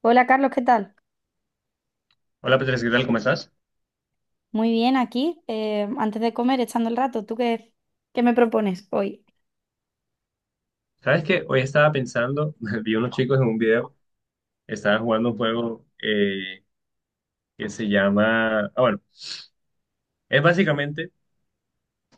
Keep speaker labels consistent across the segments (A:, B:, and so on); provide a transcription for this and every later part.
A: Hola Carlos, ¿qué tal?
B: Hola Petres, ¿qué tal? ¿Cómo estás?
A: Muy bien, aquí, antes de comer, echando el rato. ¿Tú qué me propones hoy?
B: Sabes que hoy estaba pensando, vi unos chicos en un video, estaban jugando un juego, que se llama, bueno, es básicamente,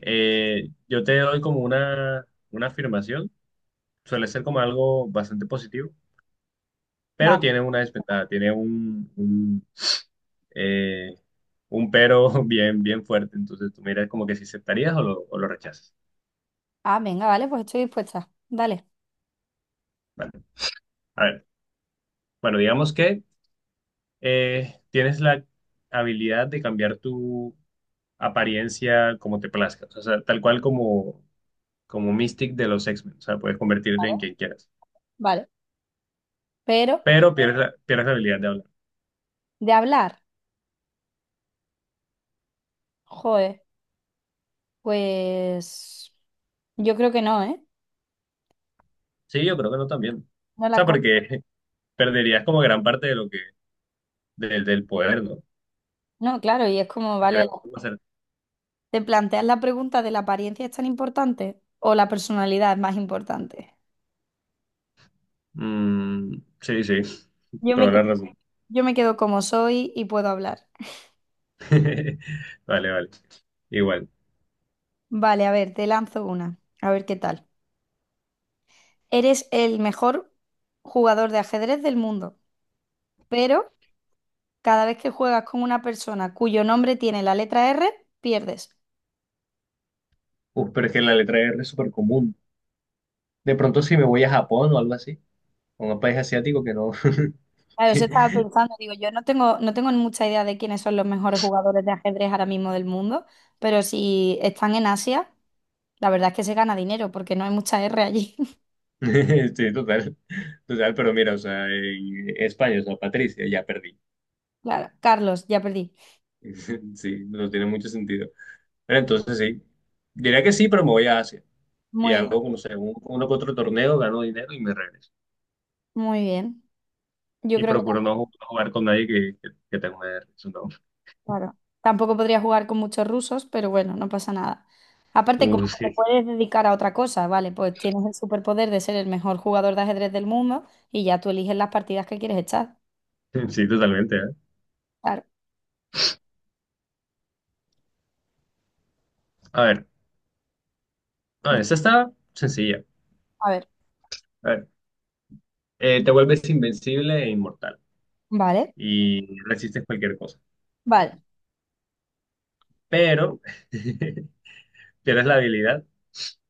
B: yo te doy como una afirmación, suele ser como algo bastante positivo, pero
A: Vale.
B: tiene una desventaja, tiene eh, un pero bien fuerte, entonces tú miras como que si aceptarías o o lo rechazas.
A: Ah, venga, vale, pues estoy dispuesta. Dale.
B: A ver, bueno, digamos que tienes la habilidad de cambiar tu apariencia como te plazca. O sea, como Mystic de los X-Men. O sea, puedes convertirte en quien quieras.
A: Vale. Pero,
B: Pero pierdes la habilidad de hablar.
A: de hablar, joder, pues yo creo que no, ¿eh?
B: Sí, yo creo que no también. O
A: No la
B: sea,
A: co-
B: porque perderías como gran parte de del poder, ¿no?
A: No, claro, y es como, vale,
B: Quisiera hacer-
A: te planteas la pregunta de la apariencia es tan importante o la personalidad es más importante.
B: Mm, sí,
A: Yo me,
B: toda
A: que-
B: la razón.
A: yo me quedo como soy y puedo hablar.
B: Vale. Igual.
A: Vale, a ver, te lanzo una. A ver qué tal. Eres el mejor jugador de ajedrez del mundo, pero cada vez que juegas con una persona cuyo nombre tiene la letra R, pierdes.
B: Uf, pero es que la letra R es súper común. De pronto si me voy a Japón o algo así, o a un país asiático que no,
A: Claro, eso estaba pensando, digo, yo no tengo, no tengo mucha idea de quiénes son los mejores jugadores de ajedrez ahora mismo del mundo, pero si están en Asia, la verdad es que se gana dinero porque no hay mucha R allí.
B: Sí, total, pero mira, o sea, en España, o sea, Patricia, ya perdí.
A: Claro, Carlos, ya perdí.
B: Sí, no tiene mucho sentido. Pero entonces sí, diría que sí, pero me voy a Asia y
A: Muy,
B: hago, no sé, uno que otro torneo, gano dinero y me regreso.
A: muy bien. Yo
B: Y
A: creo que
B: procuro no jugar con nadie que tenga una hernia, no.
A: claro. Tampoco podría jugar con muchos rusos, pero bueno, no pasa nada. Aparte, como que te
B: Sí,
A: puedes dedicar a otra cosa, ¿vale? Pues tienes el superpoder de ser el mejor jugador de ajedrez del mundo y ya tú eliges las partidas que quieres echar.
B: sí, totalmente, ¿eh?
A: Claro.
B: A ver, a ver,
A: Di-
B: esta está sencilla.
A: A ver,
B: A ver, te vuelves invencible e inmortal
A: vale,
B: y resistes cualquier cosa,
A: vale.
B: pero tienes la habilidad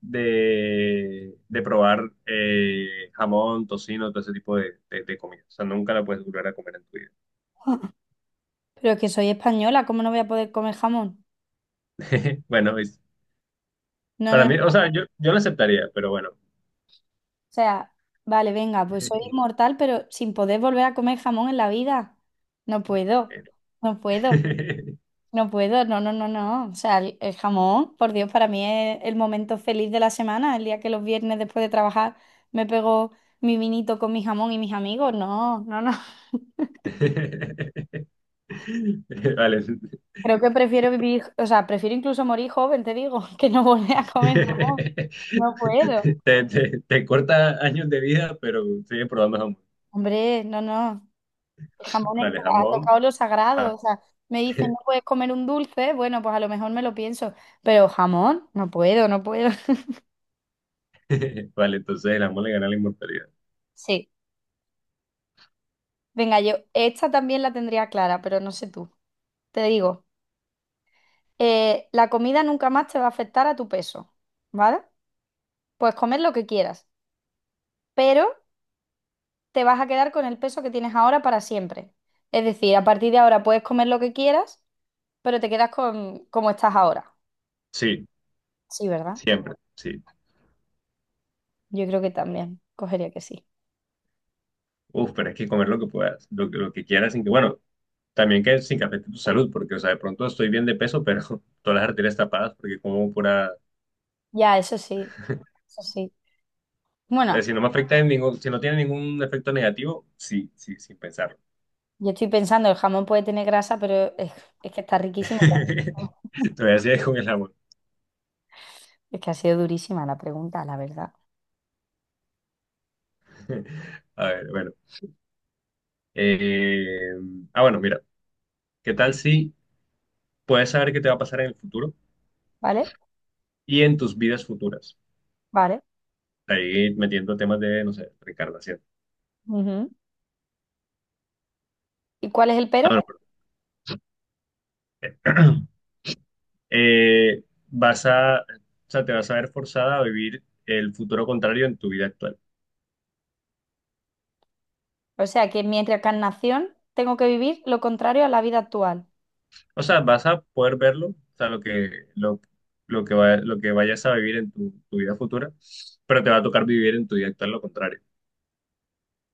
B: de probar jamón, tocino, todo ese tipo de comida. O sea, nunca la puedes volver a comer en tu vida.
A: Pero es que soy española, ¿cómo no voy a poder comer jamón?
B: Bueno,
A: No,
B: para
A: no, no.
B: mí, o
A: O
B: sea, yo la aceptaría, pero bueno.
A: sea, vale, venga, pues soy inmortal, pero sin poder volver a comer jamón en la vida. No puedo, no puedo. No puedo, no, no, no, no. O sea, el jamón, por Dios, para mí es el momento feliz de la semana, el día que los viernes después de trabajar me pego mi vinito con mi jamón y mis amigos. No, no, no.
B: Vale.
A: Creo que prefiero vivir, o sea, prefiero incluso morir joven, te digo, que no volver a comer jamón.
B: Te,
A: No puedo.
B: te corta años de vida, pero sigue probando jamón.
A: Hombre, no, no. El jamón es
B: Vale,
A: que ha
B: jamón.
A: tocado lo
B: Ah,
A: sagrado. O sea, me dicen, no puedes comer un dulce. Bueno, pues a lo mejor me lo pienso, pero jamón, no puedo, no puedo.
B: Vale, entonces el jamón le gana la inmortalidad.
A: Sí. Venga, yo esta también la tendría clara, pero no sé tú. Te digo, la comida nunca más te va a afectar a tu peso, ¿vale? Puedes comer lo que quieras, pero te vas a quedar con el peso que tienes ahora para siempre. Es decir, a partir de ahora puedes comer lo que quieras, pero te quedas con como estás ahora.
B: Sí,
A: Sí, ¿verdad?
B: siempre, sí.
A: Yo creo que también cogería que sí.
B: Uf, pero es que comer lo que puedas, lo que quieras, sin que, bueno, también que sin que afecte tu salud, porque, o sea, de pronto estoy bien de peso, pero todas las arterias tapadas, porque como pura,
A: Ya, eso sí, eso sí. Bueno,
B: si no me afecta en ningún, si no tiene ningún efecto negativo, sí, sin pensarlo.
A: yo estoy pensando, el jamón puede tener grasa, pero es que está riquísimo.
B: Todavía sigue con el amor.
A: Es que ha sido durísima la pregunta, la verdad.
B: A ver, bueno. Eh, bueno, mira, ¿qué tal si puedes saber qué te va a pasar en el futuro
A: ¿Vale?
B: y en tus vidas futuras?
A: Vale.
B: Ahí metiendo temas de, no sé, reencarnación.
A: Ujú. ¿Y cuál es el pero?
B: Ah, bueno, vas a, o sea, te vas a ver forzada a vivir el futuro contrario en tu vida actual.
A: O sea que mi reencarnación tengo que vivir lo contrario a la vida actual.
B: O sea, vas a poder verlo, o sea, lo, lo que vayas a vivir en tu vida futura, pero te va a tocar vivir en tu vida actual lo contrario.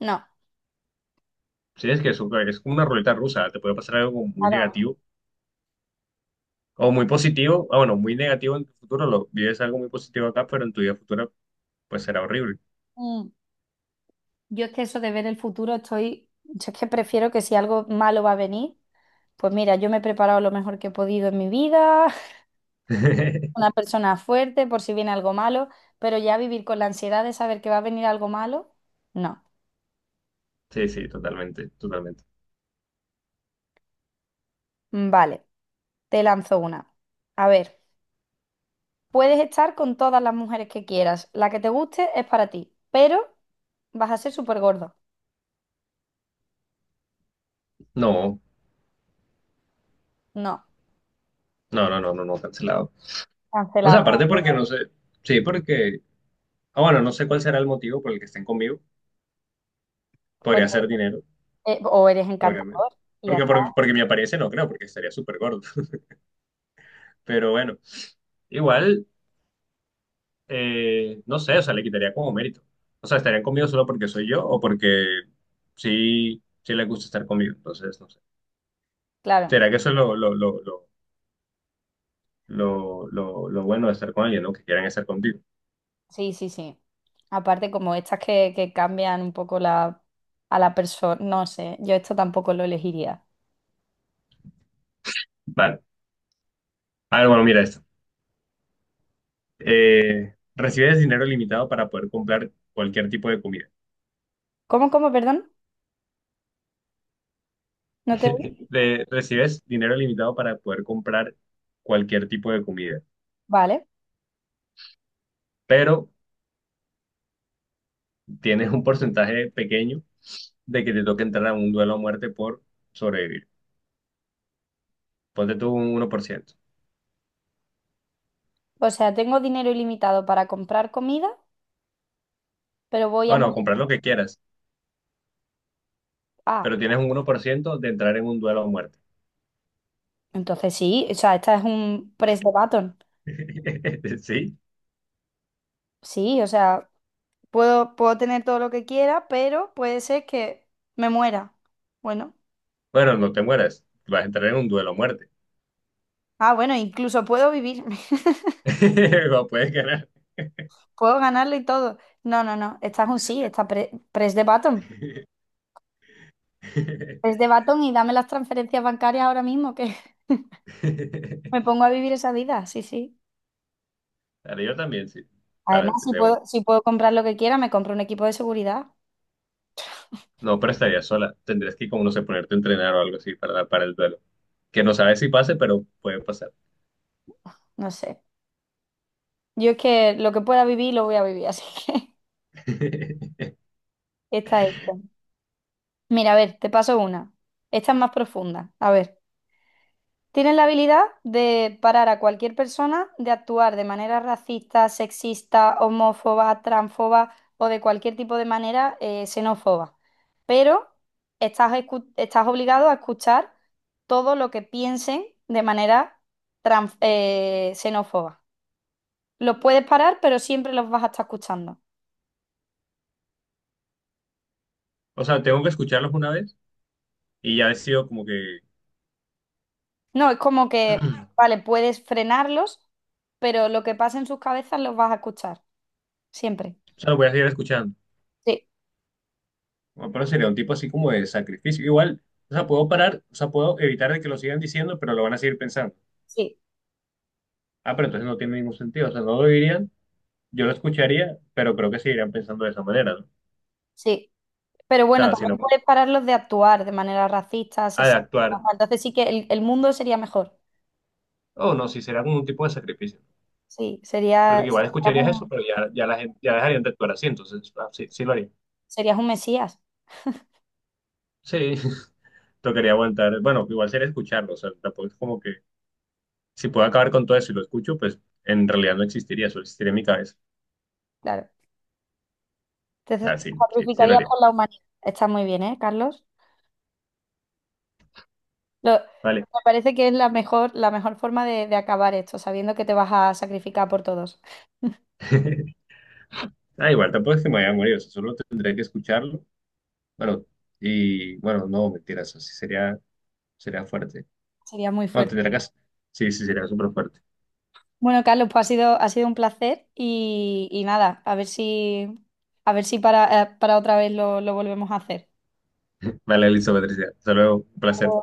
A: No,
B: Sí, es que es como una ruleta rusa, te puede pasar algo como muy
A: claro.
B: negativo o muy positivo, ah, bueno, muy negativo en tu futuro, lo vives algo muy positivo acá, pero en tu vida futura pues será horrible.
A: Mm. Yo es que eso de ver el futuro estoy, yo es que prefiero que si algo malo va a venir, pues mira, yo me he preparado lo mejor que he podido en mi vida, una persona fuerte por si viene algo malo, pero ya vivir con la ansiedad de saber que va a venir algo malo, no.
B: Sí, sí, totalmente, totalmente.
A: Mm, vale, te lanzo una. A ver, puedes estar con todas las mujeres que quieras, la que te guste es para ti, pero vas a ser súper gordo.
B: No,
A: No,
B: no, no, no, no, no, cancelado. O sea,
A: cancelamos.
B: aparte porque no sé, sí, porque, ah, bueno, no sé cuál será el motivo por el que estén conmigo. Podría ser dinero,
A: O eres
B: obviamente.
A: encantador y ya está.
B: Porque mi apariencia no creo, porque estaría súper gordo. Pero bueno, igual, no sé, o sea, le quitaría como mérito. O sea, estarían conmigo solo porque soy yo o porque sí, sí les gusta estar conmigo. Entonces, no sé.
A: Claro,
B: ¿Será que eso es lo bueno de estar con alguien, ¿no? Que quieran estar contigo.
A: sí, sí, sí. Aparte, como estas que cambian un poco la, a la persona, no sé, yo esto tampoco lo elegiría.
B: Vale. A ver, bueno, mira esto. Recibes dinero limitado para poder comprar cualquier tipo de comida
A: ¿Cómo, cómo, perdón? ¿No te oí?
B: recibes dinero limitado para poder comprar cualquier tipo de comida,
A: Vale.
B: pero tienes un porcentaje pequeño de que te toque entrar a un duelo a muerte por sobrevivir. Ponte tú un 1%.
A: O sea, tengo dinero ilimitado para comprar comida, pero voy a
B: O no,
A: morir.
B: comprar lo que quieras,
A: Ah,
B: pero tienes un uno por ciento de entrar en un duelo a muerte.
A: entonces sí, o sea, esta es un press de button.
B: Sí.
A: Sí, o sea, puedo tener todo lo que quiera, pero puede ser que me muera. Bueno.
B: Bueno, no te mueras. Vas a entrar en un duelo a muerte.
A: Ah, bueno, incluso puedo vivir.
B: O puedes ganar.
A: Puedo ganarlo y todo. No, no, no. Esta es un sí, esta press de button. Press de button y dame las transferencias bancarias ahora mismo, que me pongo a vivir esa vida. Sí, sí.
B: Dale, yo también, sí. Para,
A: Además,
B: de una.
A: si puedo comprar lo que quiera, me compro un equipo de seguridad.
B: No, pero estaría sola. Tendrías como no sé, ponerte a entrenar o algo así para el duelo. Que no sabes si pase, pero puede pasar.
A: No sé. Yo es que lo que pueda vivir, lo voy a vivir, así que está esto. Mira, a ver, te paso una. Esta es más profunda. A ver. Tienen la habilidad de parar a cualquier persona de actuar de manera racista, sexista, homófoba, transfoba o de cualquier tipo de manera xenófoba. Pero estás obligado a escuchar todo lo que piensen de manera xenófoba. Los puedes parar, pero siempre los vas a estar escuchando.
B: O sea, tengo que escucharlos una vez y ya decido como que,
A: No, es como que,
B: o
A: vale, puedes frenarlos, pero lo que pasa en sus cabezas los vas a escuchar. Siempre.
B: sea, lo voy a seguir escuchando.
A: Sí,
B: Bueno, pero sería un tipo así como de sacrificio. Igual, o sea, puedo parar, o sea, puedo evitar de que lo sigan diciendo, pero lo van a seguir pensando.
A: sí,
B: Ah, pero entonces no tiene ningún sentido. O sea, no lo dirían, yo lo escucharía, pero creo que seguirían pensando de esa manera, ¿no? O
A: sí. Pero bueno,
B: sea, si
A: también
B: no,
A: puedes pararlos de actuar de manera racista,
B: ha de
A: asesina.
B: actuar.
A: Entonces sí que el mundo sería mejor.
B: Oh, no, sí, será como un tipo de sacrificio.
A: Sí,
B: Porque igual escucharías eso, pero ya la gente, ya dejarían de actuar así, entonces ah, sí, sí lo haría.
A: serías un mesías,
B: Sí, Tocaría aguantar, bueno, igual sería escucharlo, o sea, tampoco es como que si puedo acabar con todo eso y lo escucho, pues en realidad no existiría, solo existiría en mi cabeza.
A: claro.
B: Ah,
A: Entonces
B: sí, sí lo
A: sacrificarías
B: haría.
A: por la humanidad. Está muy bien, ¿eh, Carlos?
B: Vale.
A: Me parece que es la mejor forma de acabar esto, sabiendo que te vas a sacrificar por todos.
B: Ah, igual tampoco es que me vaya a morir, o sea, solo tendría que escucharlo. Bueno, y bueno, no, mentiras, así sería, sería fuerte.
A: Sería muy
B: No,
A: fuerte.
B: tendría que, sí, sí, sería súper fuerte.
A: Bueno, Carlos, pues ha sido un placer y nada, a ver si para, para otra vez lo volvemos a hacer.
B: Vale, Elizabeth, Patricia, hasta luego, un placer.